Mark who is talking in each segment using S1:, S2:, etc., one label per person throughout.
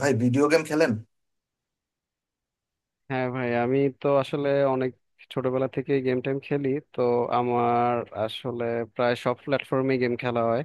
S1: ভাই, video game খেলেন?
S2: হ্যাঁ ভাই, আমি তো আসলে অনেক ছোটবেলা থেকে গেম টেম খেলি। তো আমার আসলে প্রায় সব প্ল্যাটফর্মে গেম খেলা হয়।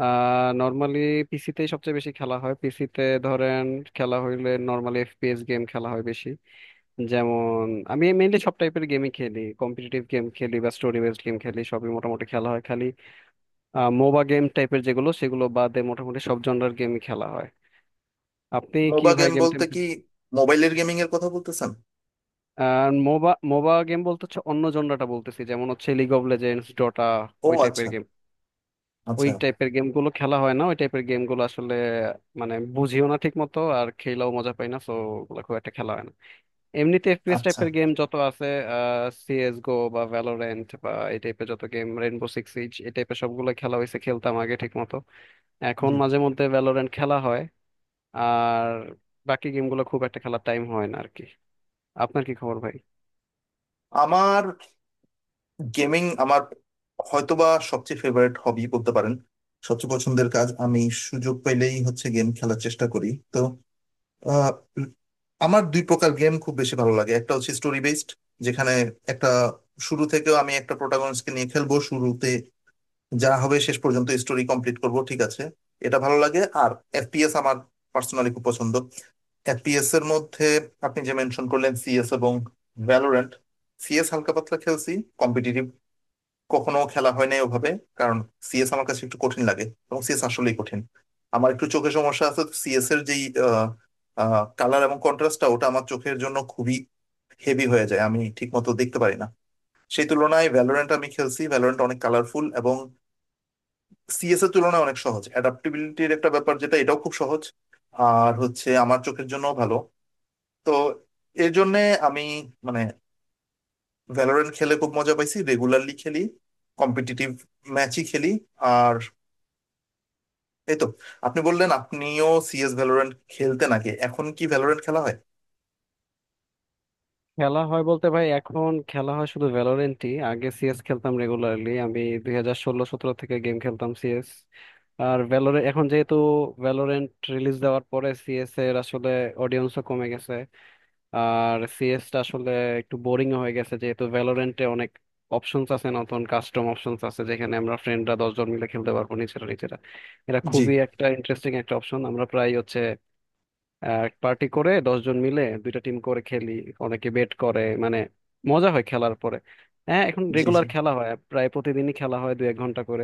S2: নর্মালি পিসিতেই সবচেয়ে বেশি খেলা হয়, পিসিতে ধরেন খেলা হইলে নর্মালি এফপিএস গেম খেলা হয় বেশি। যেমন আমি মেইনলি সব টাইপের গেমই খেলি, কম্পিটিটিভ গেম খেলি বা স্টোরি বেসড গেম খেলি, সবই মোটামুটি খেলা হয়, খালি মোবা গেম টাইপের যেগুলো সেগুলো বাদে মোটামুটি সব জনরার গেমই খেলা হয়। আপনি কি
S1: মোবা
S2: ভাই
S1: গেম
S2: গেম
S1: বলতে
S2: টেম?
S1: কি? মোবাইলের গেমিং এর কথা বলতেছেন?
S2: আর মোবা মোবা গেম বলতে হচ্ছে অন্য জনরাটা বলতেছি, যেমন হচ্ছে লিগ অফ লেজেন্ডস, ডটা,
S1: ও
S2: ওই
S1: আচ্ছা।
S2: টাইপের গেম। ওই
S1: আচ্ছা।
S2: টাইপের গেম গুলো খেলা হয় না, ওই টাইপের গেম গুলো আসলে মানে বুঝিও না ঠিক মতো, আর খেলাও মজা পাই না, তো ওগুলো খুব একটা খেলা হয় না। এমনিতে এফপিএস
S1: আচ্ছা।
S2: টাইপের গেম যত আছে, সিএস গো বা ভ্যালোরেন্ট বা এই টাইপের যত গেম, রেনবো সিক্স সিজ, এই টাইপের সবগুলো খেলা হয়েছে, খেলতাম আগে ঠিক মতো। এখন
S1: জি।
S2: মাঝে মধ্যে ভ্যালোরেন্ট খেলা হয়। আর বাকি গেমগুলো খুব একটা খেলার টাইম হয় না আর কি। আপনার কি খবর ভাই?
S1: আমার গেমিং, আমার হয়তোবা সবচেয়ে ফেভারিট হবি বলতে পারেন। সবচেয়ে পছন্দের কাজ। আমি সুযোগ পেলেই হচ্ছে গেম খেলার চেষ্টা করি। তো আহ, আমার দুই প্রকার গেম খুব বেশি ভালো লাগে। একটা হচ্ছে স্টোরি বেসড, যেখানে একটা শুরু থেকেও আমি একটা প্রোটাগনিস্টকে নিয়ে খেলবো শুরুতে, যা হবে শেষ পর্যন্ত স্টোরি কমপ্লিট করব। ঠিক আছে, এটা ভালো লাগে। আর এফপিএস আমার পার্সোনালি খুব পছন্দ। এফপিএস এর মধ্যে আপনি যে মেনশন করলেন, সিএস এবং ভ্যালোরেন্ট, সিএস হালকা পাতলা খেলছি। কম্পিটিটিভ কখনো খেলা হয় নাই ওভাবে। কারণ সিএস আমার কাছে একটু কঠিন লাগে, এবং সিএস আসলেই কঠিন। আমার একটু চোখের সমস্যা আছে, সিএস এর যেই কালার এবং কন্ট্রাস্টটা ওটা আমার চোখের জন্য খুবই হেভি হয়ে যায়, আমি ঠিক মতো দেখতে পারি না। সেই তুলনায় ভ্যালোরেন্ট আমি খেলছি, ভ্যালোরেন্ট অনেক কালারফুল এবং সিএস এর তুলনায় অনেক সহজ। অ্যাডাপ্টিবিলিটির একটা ব্যাপার, যেটা এটাও খুব সহজ। আর হচ্ছে আমার চোখের জন্য ভালো। তো এর জন্য আমি মানে ভ্যালোরেন্ট খেলে খুব মজা পাইছি, রেগুলারলি খেলি, কম্পিটিটিভ ম্যাচই খেলি। আর এই তো। আপনি বললেন আপনিও সিএস ভ্যালোরেন্ট খেলতে, নাকি এখন কি ভ্যালোরেন্ট খেলা হয়?
S2: খেলা হয় বলতে ভাই এখন খেলা হয় শুধু ভ্যালোরেন্টই। আগে সিএস খেলতাম রেগুলারলি, আমি 2016-17 থেকে গেম খেলতাম সিএস। আর ভ্যালোরেন্ট এখন যেহেতু ভ্যালোরেন্ট রিলিজ দেওয়ার পরে সিএস এর আসলে অডিয়েন্সও কমে গেছে। আর সিএস টা আসলে একটু বোরিং হয়ে গেছে যেহেতু ভ্যালোরেন্টে অনেক অপশনস আছে, নতুন কাস্টম অপশনস আছে, যেখানে আমরা ফ্রেন্ডরা 10 জন মিলে খেলতে পারবো নিজেরা নিজেরা। এটা
S1: জি
S2: খুবই একটা ইন্টারেস্টিং একটা অপশন, আমরা প্রায় হচ্ছে এক পার্টি করে 10 জন মিলে দুইটা টিম করে খেলি। অনেকে বেট করে মানে, মজা হয় খেলার পরে। হ্যাঁ, এখন
S1: জি। জি।
S2: রেগুলার খেলা হয়, প্রায় প্রতিদিনই খেলা হয় 1-2 ঘন্টা করে।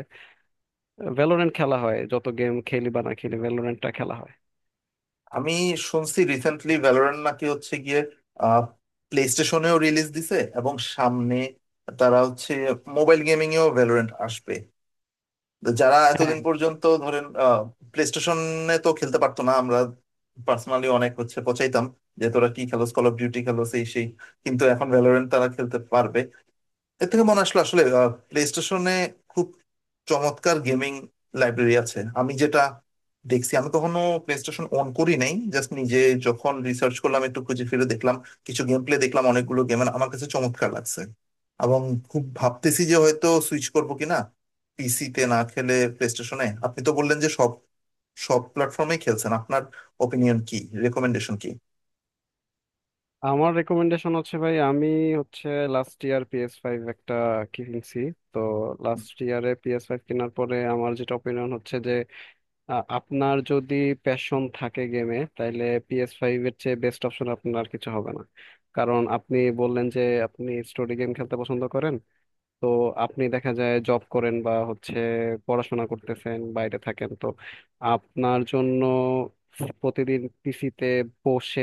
S2: ভ্যালোরেন্ট খেলা হয়, যত গেম খেলি বা না খেলি ভ্যালোরেন্টটা খেলা হয়।
S1: আমি শুনছি রিসেন্টলি ভ্যালোরেন্ট নাকি হচ্ছে গিয়ে প্লে স্টেশনেও রিলিজ দিছে, এবং সামনে তারা হচ্ছে মোবাইল গেমিং এও ভ্যালোরেন্ট আসবে। যারা
S2: হ্যাঁ।
S1: এতদিন পর্যন্ত ধরেন প্লে স্টেশনে তো খেলতে পারতো না, আমরা পার্সোনালি অনেক হচ্ছে পচাইতাম যে তোরা কি খেলোস, কল অফ ডিউটি খেলোস, এই সেই। কিন্তু এখন ভ্যালোরেন্ট তারা খেলতে পারবে। এর থেকে মনে আসলো, আসলে প্লে স্টেশনে খুব চমৎকার গেমিং লাইব্রেরি আছে, আমি যেটা দেখছি। আমি কখনো প্লে স্টেশন অন করি নাই, জাস্ট নিজে যখন রিসার্চ করলাম একটু খুঁজে ফিরে দেখলাম, কিছু গেম প্লে দেখলাম, অনেকগুলো গেম আমার কাছে চমৎকার লাগছে। এবং খুব ভাবতেছি যে হয়তো সুইচ করবো কিনা, পিসিতে না খেলে প্লে স্টেশনে। আপনি তো বললেন যে সব সব প্ল্যাটফর্মে খেলছেন। আপনার ওপিনিয়ন কি? রেকমেন্ডেশন কি?
S2: আমার রেকমেন্ডেশন হচ্ছে ভাই, আমি হচ্ছে লাস্ট ইয়ার পিএস ফাইভ একটা কিনছি। তো লাস্ট ইয়ারে পিএস ফাইভ কেনার পরে আমার যেটা অপিনিয়ন হচ্ছে, আপনার যদি প্যাশন থাকে গেমে তাহলে পিএস ফাইভ এর চেয়ে বেস্ট অপশন আপনার আর কিছু হবে না। কারণ আপনি বললেন যে আপনি স্টোরি গেম খেলতে পছন্দ করেন। তো আপনি দেখা যায় জব করেন বা হচ্ছে পড়াশোনা করতেছেন, বাইরে থাকেন, তো আপনার জন্য প্রতিদিন পিসিতে বসে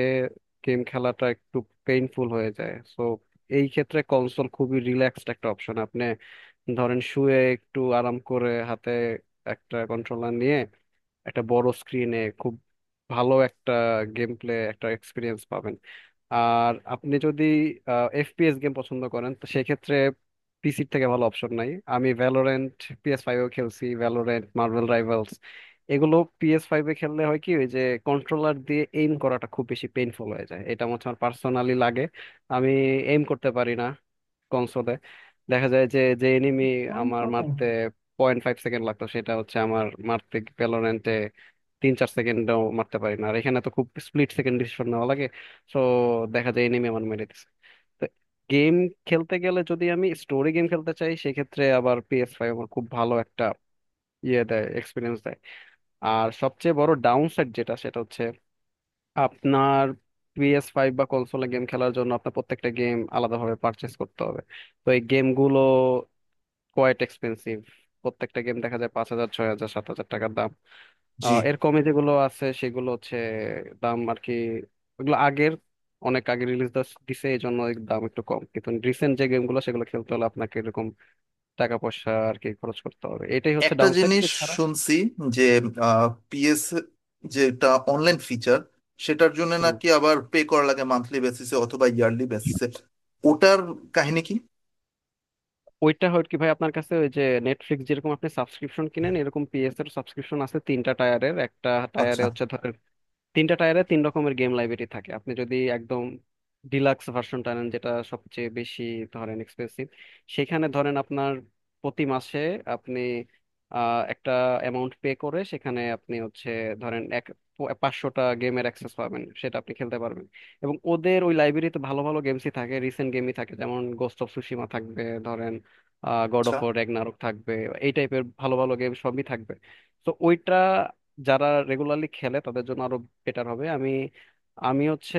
S2: গেম খেলাটা একটু পেইনফুল হয়ে যায়। সো এই ক্ষেত্রে কনসোল খুবই রিল্যাক্সড একটা অপশন। আপনি ধরেন শুয়ে একটু আরাম করে হাতে একটা কন্ট্রোলার নিয়ে একটা বড় স্ক্রিনে খুব ভালো একটা গেম প্লে একটা এক্সপিরিয়েন্স পাবেন। আর আপনি যদি এফপিএস গেম পছন্দ করেন তো সেক্ষেত্রে পিসির থেকে ভালো অপশন নাই। আমি ভ্যালোরেন্ট পিএস ফাইভেও খেলছি, ভ্যালোরেন্ট, মার্বেল রাইভালস, এগুলো পিএস ফাইভে খেললে হয় কি, ওই যে কন্ট্রোলার দিয়ে এইম করাটা খুব বেশি পেইনফুল হয়ে যায়, এটা আমার পার্সোনালি লাগে। আমি এইম করতে পারি না কনসোলে। দেখা যায় যে যে এনিমি আমার মারতে 0.5 সেকেন্ড লাগতো সেটা হচ্ছে আমার মারতে ভ্যালোরেন্টে 3-4 সেকেন্ডও মারতে পারি না। আর এখানে তো খুব স্প্লিট সেকেন্ড ডিসিশন নেওয়া লাগে, সো দেখা যায় এনিমি আমার মেরে দিচ্ছে। তো গেম খেলতে গেলে যদি আমি স্টোরি গেম খেলতে চাই সেক্ষেত্রে আবার পিএস ফাইভ আমার খুব ভালো একটা ইয়ে দেয়, এক্সপিরিয়েন্স দেয়। আর সবচেয়ে বড় ডাউন সাইড যেটা, সেটা হচ্ছে আপনার পিএস ফাইভ বা কনসোলে গেম খেলার জন্য আপনার প্রত্যেকটা গেম আলাদাভাবে পারচেস করতে হবে। তো এই গেমগুলো কোয়াইট এক্সপেন্সিভ, প্রত্যেকটা গেম দেখা যায় 5,000 6,000 7,000 টাকার দাম।
S1: জি।
S2: এর কমে যেগুলো আছে সেগুলো হচ্ছে দাম আর কি, ওগুলো আগের, অনেক আগে রিলিজ দিছে, এই জন্য এর দাম একটু কম। কিন্তু রিসেন্ট যে গেমগুলো সেগুলো খেলতে হলে আপনাকে এরকম টাকা পয়সা আর কি খরচ করতে হবে, এটাই হচ্ছে
S1: একটা
S2: ডাউন সাইড
S1: জিনিস
S2: এছাড়া।
S1: শুনছি, যে পিএস যেটা অনলাইন ফিচার, সেটার জন্য
S2: হুম,
S1: নাকি আবার পে করা লাগে মান্থলি বেসিসে অথবা ইয়ারলি বেসিসে। ওটার কাহিনী কি?
S2: ওইটা হয় কি ভাই, আপনার কাছে ওই যে নেটফ্লিক্স যেরকম আপনি সাবস্ক্রিপশন কিনেন, এরকম পিএস এর সাবস্ক্রিপশন আছে 3টা টায়ারের। একটা টায়ারে
S1: আচ্ছা।
S2: হচ্ছে ধরেন, 3টা টায়ারে তিন রকমের গেম লাইব্রেরি থাকে। আপনি যদি একদম ডিলাক্স ভার্সনটা নেন, যেটা সবচেয়ে বেশি ধরেন এক্সপেন্সিভ, সেখানে ধরেন আপনার প্রতি মাসে আপনি একটা অ্যামাউন্ট পে করে সেখানে আপনি হচ্ছে ধরেন এক 500টা গেমের অ্যাক্সেস পাবেন, সেটা আপনি খেলতে পারবেন। এবং ওদের ওই লাইব্রেরিতে ভালো ভালো গেমসই থাকে, রিসেন্ট গেমই থাকে, যেমন গোস্ট অফ সুশিমা থাকবে, ধরেন গড অফ
S1: আচ্ছা।
S2: ওয়ার রেগনারক থাকবে, এই টাইপের ভালো ভালো গেম সবই থাকবে। তো ওইটা যারা রেগুলারলি খেলে তাদের জন্য আরো বেটার হবে। আমি আমি হচ্ছে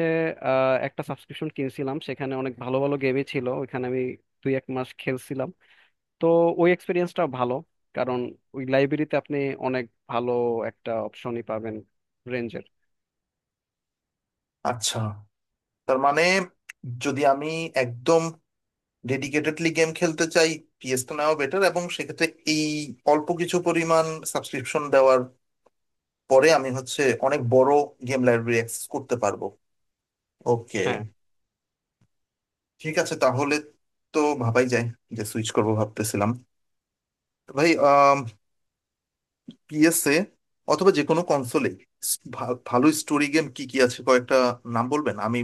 S2: একটা সাবস্ক্রিপশন কিনছিলাম, সেখানে অনেক ভালো ভালো গেমই ছিল। ওইখানে আমি 1-2 মাস খেলছিলাম। তো ওই এক্সপিরিয়েন্সটা ভালো, কারণ ওই লাইব্রেরিতে আপনি অনেক ভালো একটা অপশনই পাবেন রেঞ্জের।
S1: আচ্ছা। তার মানে যদি আমি একদম ডেডিকেটেডলি গেম খেলতে চাই, পিএস তো নেওয়া বেটার, এবং সেক্ষেত্রে এই অল্প কিছু পরিমাণ সাবস্ক্রিপশন দেওয়ার পরে আমি হচ্ছে অনেক বড় গেম লাইব্রেরি অ্যাক্সেস করতে পারবো। ওকে, ঠিক আছে তাহলে। তো ভাবাই যায় যে সুইচ করব, ভাবতেছিলাম। তো ভাই পিএসএ অথবা যে কোনো কনসোলে ভালো স্টোরি গেম কি কি আছে, কয়েকটা নাম বলবেন? আমি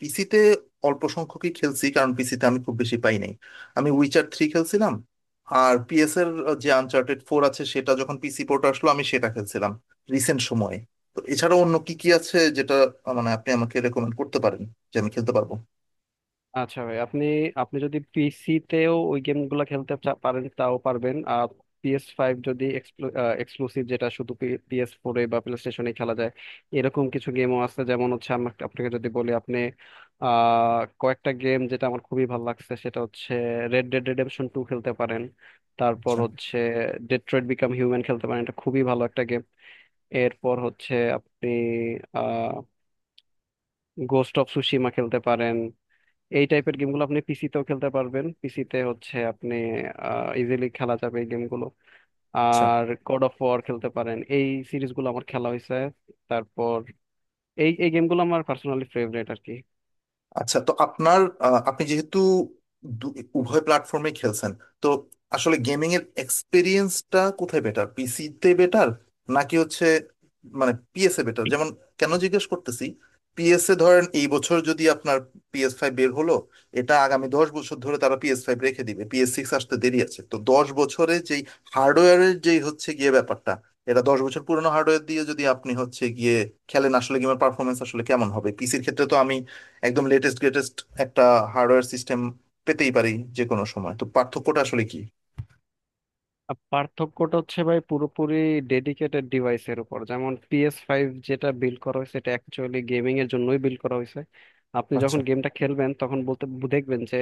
S1: পিসিতে অল্প সংখ্যকই খেলছি, কারণ পিসিতে আমি খুব বেশি পাই নাই। আমি উইচার 3 খেলছিলাম। আর পিএস এর যে আনচার্টেড 4 আছে, সেটা যখন পিসি পোর্ট আসলো আমি সেটা খেলছিলাম রিসেন্ট সময়ে। তো এছাড়া অন্য কি কি আছে, যেটা মানে আপনি আমাকে রেকমেন্ড করতে পারেন যে আমি খেলতে পারবো?
S2: আচ্ছা ভাই, আপনি আপনি যদি পিসি তেও ওই গেমগুলো খেলতে পারেন তাও পারবেন। আর পিএস ফাইভ যদি এক্সক্লুসিভ যেটা শুধু পিএস ফোরে বা প্লে স্টেশনে খেলা যায়, এরকম কিছু গেমও আছে, যেমন হচ্ছে আমাকে আপনাকে যদি বলি আপনি, কয়েকটা গেম যেটা আমার খুবই ভালো লাগছে, সেটা হচ্ছে রেড ডেড রেডেমশন টু, খেলতে পারেন। তারপর
S1: আচ্ছা।
S2: হচ্ছে ডেট্রয়েট বিকাম হিউম্যান খেলতে পারেন, এটা খুবই ভালো একটা গেম। এরপর হচ্ছে আপনি আহ গোস্ট অফ সুশিমা খেলতে পারেন। এই টাইপের গেমগুলো আপনি পিসিতেও খেলতে পারবেন, পিসিতে হচ্ছে আপনি ইজিলি খেলা যাবে এই গেমগুলো।
S1: আচ্ছা।
S2: আর গড অফ ওয়ার খেলতে পারেন, এই সিরিজগুলো আমার খেলা হয়েছে। তারপর এই এই গেমগুলো আমার পার্সোনালি ফেভারিট আর কি।
S1: আচ্ছা। তো আপনার আপনি যেহেতু দু- উভয় প্ল্যাটফর্মে খেলছেন, তো আসলে গেমিং এর এক্সপিরিয়েন্সটা কোথায় বেটার? পিসিতে বেটার, নাকি হচ্ছে মানে পিএসএ বেটার? যেমন, কেন জিজ্ঞেস করতেছি, পিএসএ ধরেন এই বছর যদি আপনার পিএস 5 বের হলো, এটা আগামী 10 বছর ধরে তারা পিএস 5 রেখে দিবে। পিএস 6 আসতে দেরি আছে। তো 10 বছরে যেই হার্ডওয়্যারের যেই হচ্ছে গিয়ে ব্যাপারটা, এটা 10 বছর পুরনো হার্ডওয়্যার দিয়ে যদি আপনি হচ্ছে গিয়ে খেলেন, আসলে গেমের পারফরমেন্স আসলে কেমন হবে? পিসির ক্ষেত্রে তো আমি একদম লেটেস্ট গ্রেটেস্ট একটা হার্ডওয়্যার সিস্টেম পেতেই পারি যে কোনো সময়। তো পার্থক্যটা আসলে কি?
S2: আর পার্থক্যটা হচ্ছে ভাই পুরোপুরি ডেডিকেটেড ডিভাইসের উপর। যেমন পিএস ফাইভ যেটা বিল্ড করা হয়েছে, এটা অ্যাকচুয়ালি গেমিং এর জন্যই বিল্ড করা হয়েছে। আপনি
S1: আচ্ছা।
S2: যখন গেমটা খেলবেন তখন বলতে দেখবেন যে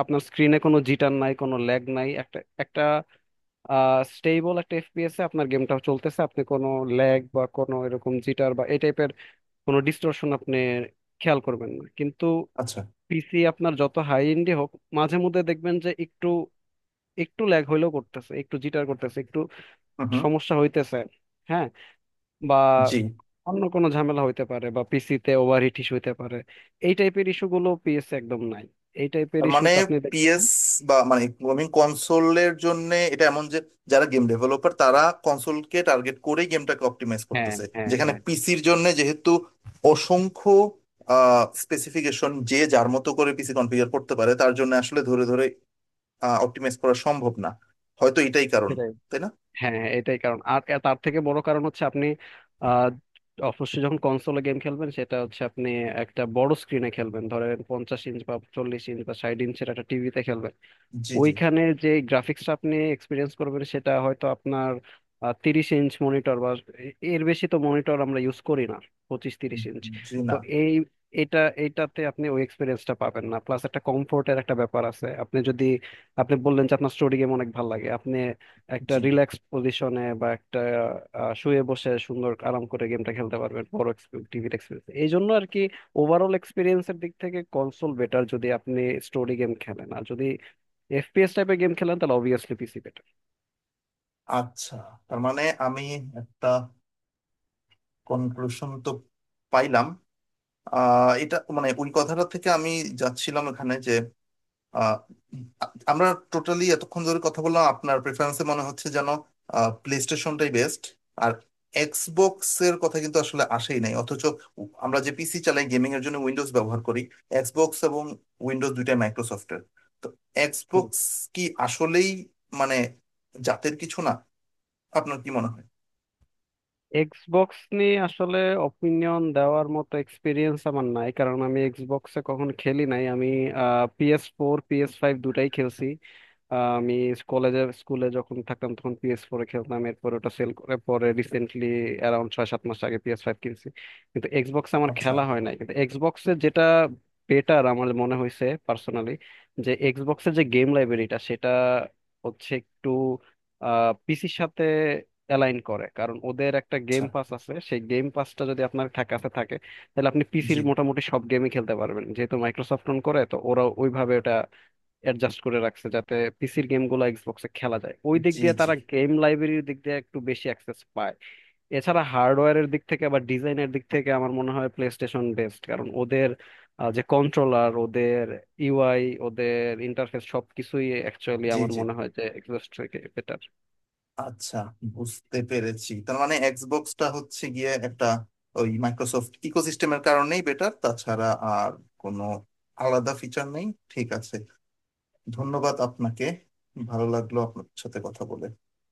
S2: আপনার স্ক্রিনে কোনো জিটার নাই, কোনো ল্যাগ নাই, একটা একটা স্টেবল একটা এফপিএস এ আপনার গেমটা চলতেছে, আপনি কোনো ল্যাগ বা কোনো এরকম জিটার বা এই টাইপের কোনো ডিস্টরশন আপনি খেয়াল করবেন না। কিন্তু
S1: আচ্ছা।
S2: পিসি আপনার যত হাই এন্ডই হোক মাঝে মধ্যে দেখবেন যে একটু একটু ল্যাগ হইলেও করতেছে, একটু জিটার করতেছে, একটু
S1: হুম হুম।
S2: সমস্যা হইতেছে। হ্যাঁ, বা
S1: জি।
S2: অন্য কোনো ঝামেলা হইতে পারে, বা পিসিতে ওভার হিট ইস্যু হইতে পারে। এই টাইপের ইস্যুগুলো পিএসএ একদম নাই, এই টাইপের
S1: তার
S2: ইস্যু
S1: মানে
S2: তো আপনি দেখবেন।
S1: পিএস বা মানে গেমিং কনসোলের জন্য এটা এমন যে যারা গেম ডেভেলপার, তারা কনসোলকে টার্গেট করেই গেমটাকে অপটিমাইজ
S2: হ্যাঁ,
S1: করতেছে।
S2: হ্যাঁ,
S1: যেখানে পিসির জন্য যেহেতু অসংখ্য স্পেসিফিকেশন, যে যার মতো করে পিসি কনফিগার করতে পারে, তার জন্য আসলে ধরে ধরে অপটিমাইজ করা সম্ভব না। হয়তো এটাই কারণ।
S2: হ্যাঁ,
S1: তাই না?
S2: হ্যাঁ, হ্যাঁ, এটাই কারণ। আর তার থেকে বড় কারণ হচ্ছে আপনি আহ অবশ্যই যখন কনসোলে গেম খেলবেন সেটা হচ্ছে আপনি একটা বড় স্ক্রিনে খেলবেন, ধরেন 50 ইঞ্চ বা 40 ইঞ্চ বা 60 ইঞ্চের একটা টিভিতে খেলবেন।
S1: জি জি।
S2: ওইখানে যে গ্রাফিক্সটা আপনি এক্সপিরিয়েন্স করবেন সেটা হয়তো আপনার 30 ইঞ্চ মনিটর বা এর বেশি তো মনিটর আমরা ইউজ করি না, 25-30 ইঞ্চ।
S1: জি
S2: তো
S1: না।
S2: এই এটা এইটাতে আপনি ওই এক্সপিরিয়েন্সটা পাবেন না। প্লাস একটা কমফোর্টের একটা ব্যাপার আছে, আপনি যদি, আপনি বললেন যে আপনার স্টোরি গেম অনেক ভালো লাগে, আপনি একটা
S1: জি।
S2: রিল্যাক্স পজিশনে বা একটা শুয়ে বসে সুন্দর আরাম করে গেমটা খেলতে পারবেন, বড় টিভির এক্সপিরিয়েন্স এই জন্য আর কি। ওভারঅল এক্সপিরিয়েন্সের দিক থেকে কনসোল বেটার যদি আপনি স্টোরি গেম খেলেন, আর যদি এফপিএস টাইপের গেম খেলেন তাহলে অবভিয়াসলি পিসি বেটার।
S1: আচ্ছা, তার মানে আমি একটা কনক্লুশন তো পাইলাম। এটা মানে ওই কথাটা থেকে আমি যাচ্ছিলাম এখানে যে আহ, আমরা টোটালি এতক্ষণ ধরে কথা বললাম, আপনার প্রেফারেন্সে মনে হচ্ছে যেন প্লে স্টেশনটাই বেস্ট। আর এক্সবক্স এর কথা কিন্তু আসলে আসেই নাই, অথচ আমরা যে পিসি চালাই গেমিং এর জন্য উইন্ডোজ ব্যবহার করি। এক্সবক্স এবং উইন্ডোজ দুইটাই মাইক্রোসফটের। তো
S2: হুম,
S1: এক্সবক্স কি আসলেই মানে জাতের কিছু না? আপনার কি মনে হয়?
S2: এক্সবক্স নিয়ে আসলে অপিনিয়ন দেওয়ার মতো এক্সপিরিয়েন্স আমার নাই, কারণ আমি এক্সবক্সে কখনো খেলি নাই। আমি পিএস ফোর পিএস ফাইভ দুটাই খেলছি। আমি কলেজে স্কুলে যখন থাকতাম তখন পিএস ফোরে খেলতাম, এরপর ওটা সেল করে পরে রিসেন্টলি অ্যারাউন্ড 6-7 মাস আগে পিএস ফাইভ কিনছি। কিন্তু এক্সবক্স আমার
S1: আচ্ছা।
S2: খেলা হয় নাই। কিন্তু এক্সবক্সে যেটা বেটার আমার মনে হয়েছে পার্সোনালি, যে এক্সবক্সের যে গেম লাইব্রেরিটা সেটা হচ্ছে একটু পিসির সাথে অ্যালাইন করে। কারণ ওদের একটা গেম
S1: আচ্ছা।
S2: পাস আছে, সেই গেম পাসটা যদি আপনার কাছে থাকে তাহলে আপনি
S1: জি
S2: পিসির মোটামুটি সব গেমই খেলতে পারবেন, যেহেতু মাইক্রোসফট অন করে তো ওরা ওইভাবে ওটা অ্যাডজাস্ট করে রাখছে যাতে পিসির গেমগুলো এক্সবক্সে খেলা যায়। ওই দিক
S1: জি।
S2: দিয়ে
S1: জি
S2: তারা গেম লাইব্রেরির দিক দিয়ে একটু বেশি অ্যাক্সেস পায়। এছাড়া হার্ডওয়্যারের দিক থেকে বা ডিজাইনের দিক থেকে আমার মনে হয় প্লে স্টেশন বেস্ট। কারণ ওদের যে কন্ট্রোলার, ওদের ইউআই, ওদের ইন্টারফেস সবকিছুই অ্যাকচুয়ালি
S1: জি।
S2: আমার
S1: জি।
S2: মনে হয় যে এক্সবক্স থেকে বেটার।
S1: আচ্ছা, বুঝতে পেরেছি। তার মানে এক্সবক্সটা হচ্ছে গিয়ে একটা ওই মাইক্রোসফট ইকোসিস্টেমের কারণেই বেটার, তাছাড়া আর কোনো আলাদা ফিচার নেই। ঠিক আছে, ধন্যবাদ আপনাকে। ভালো লাগলো আপনার সাথে কথা বলে।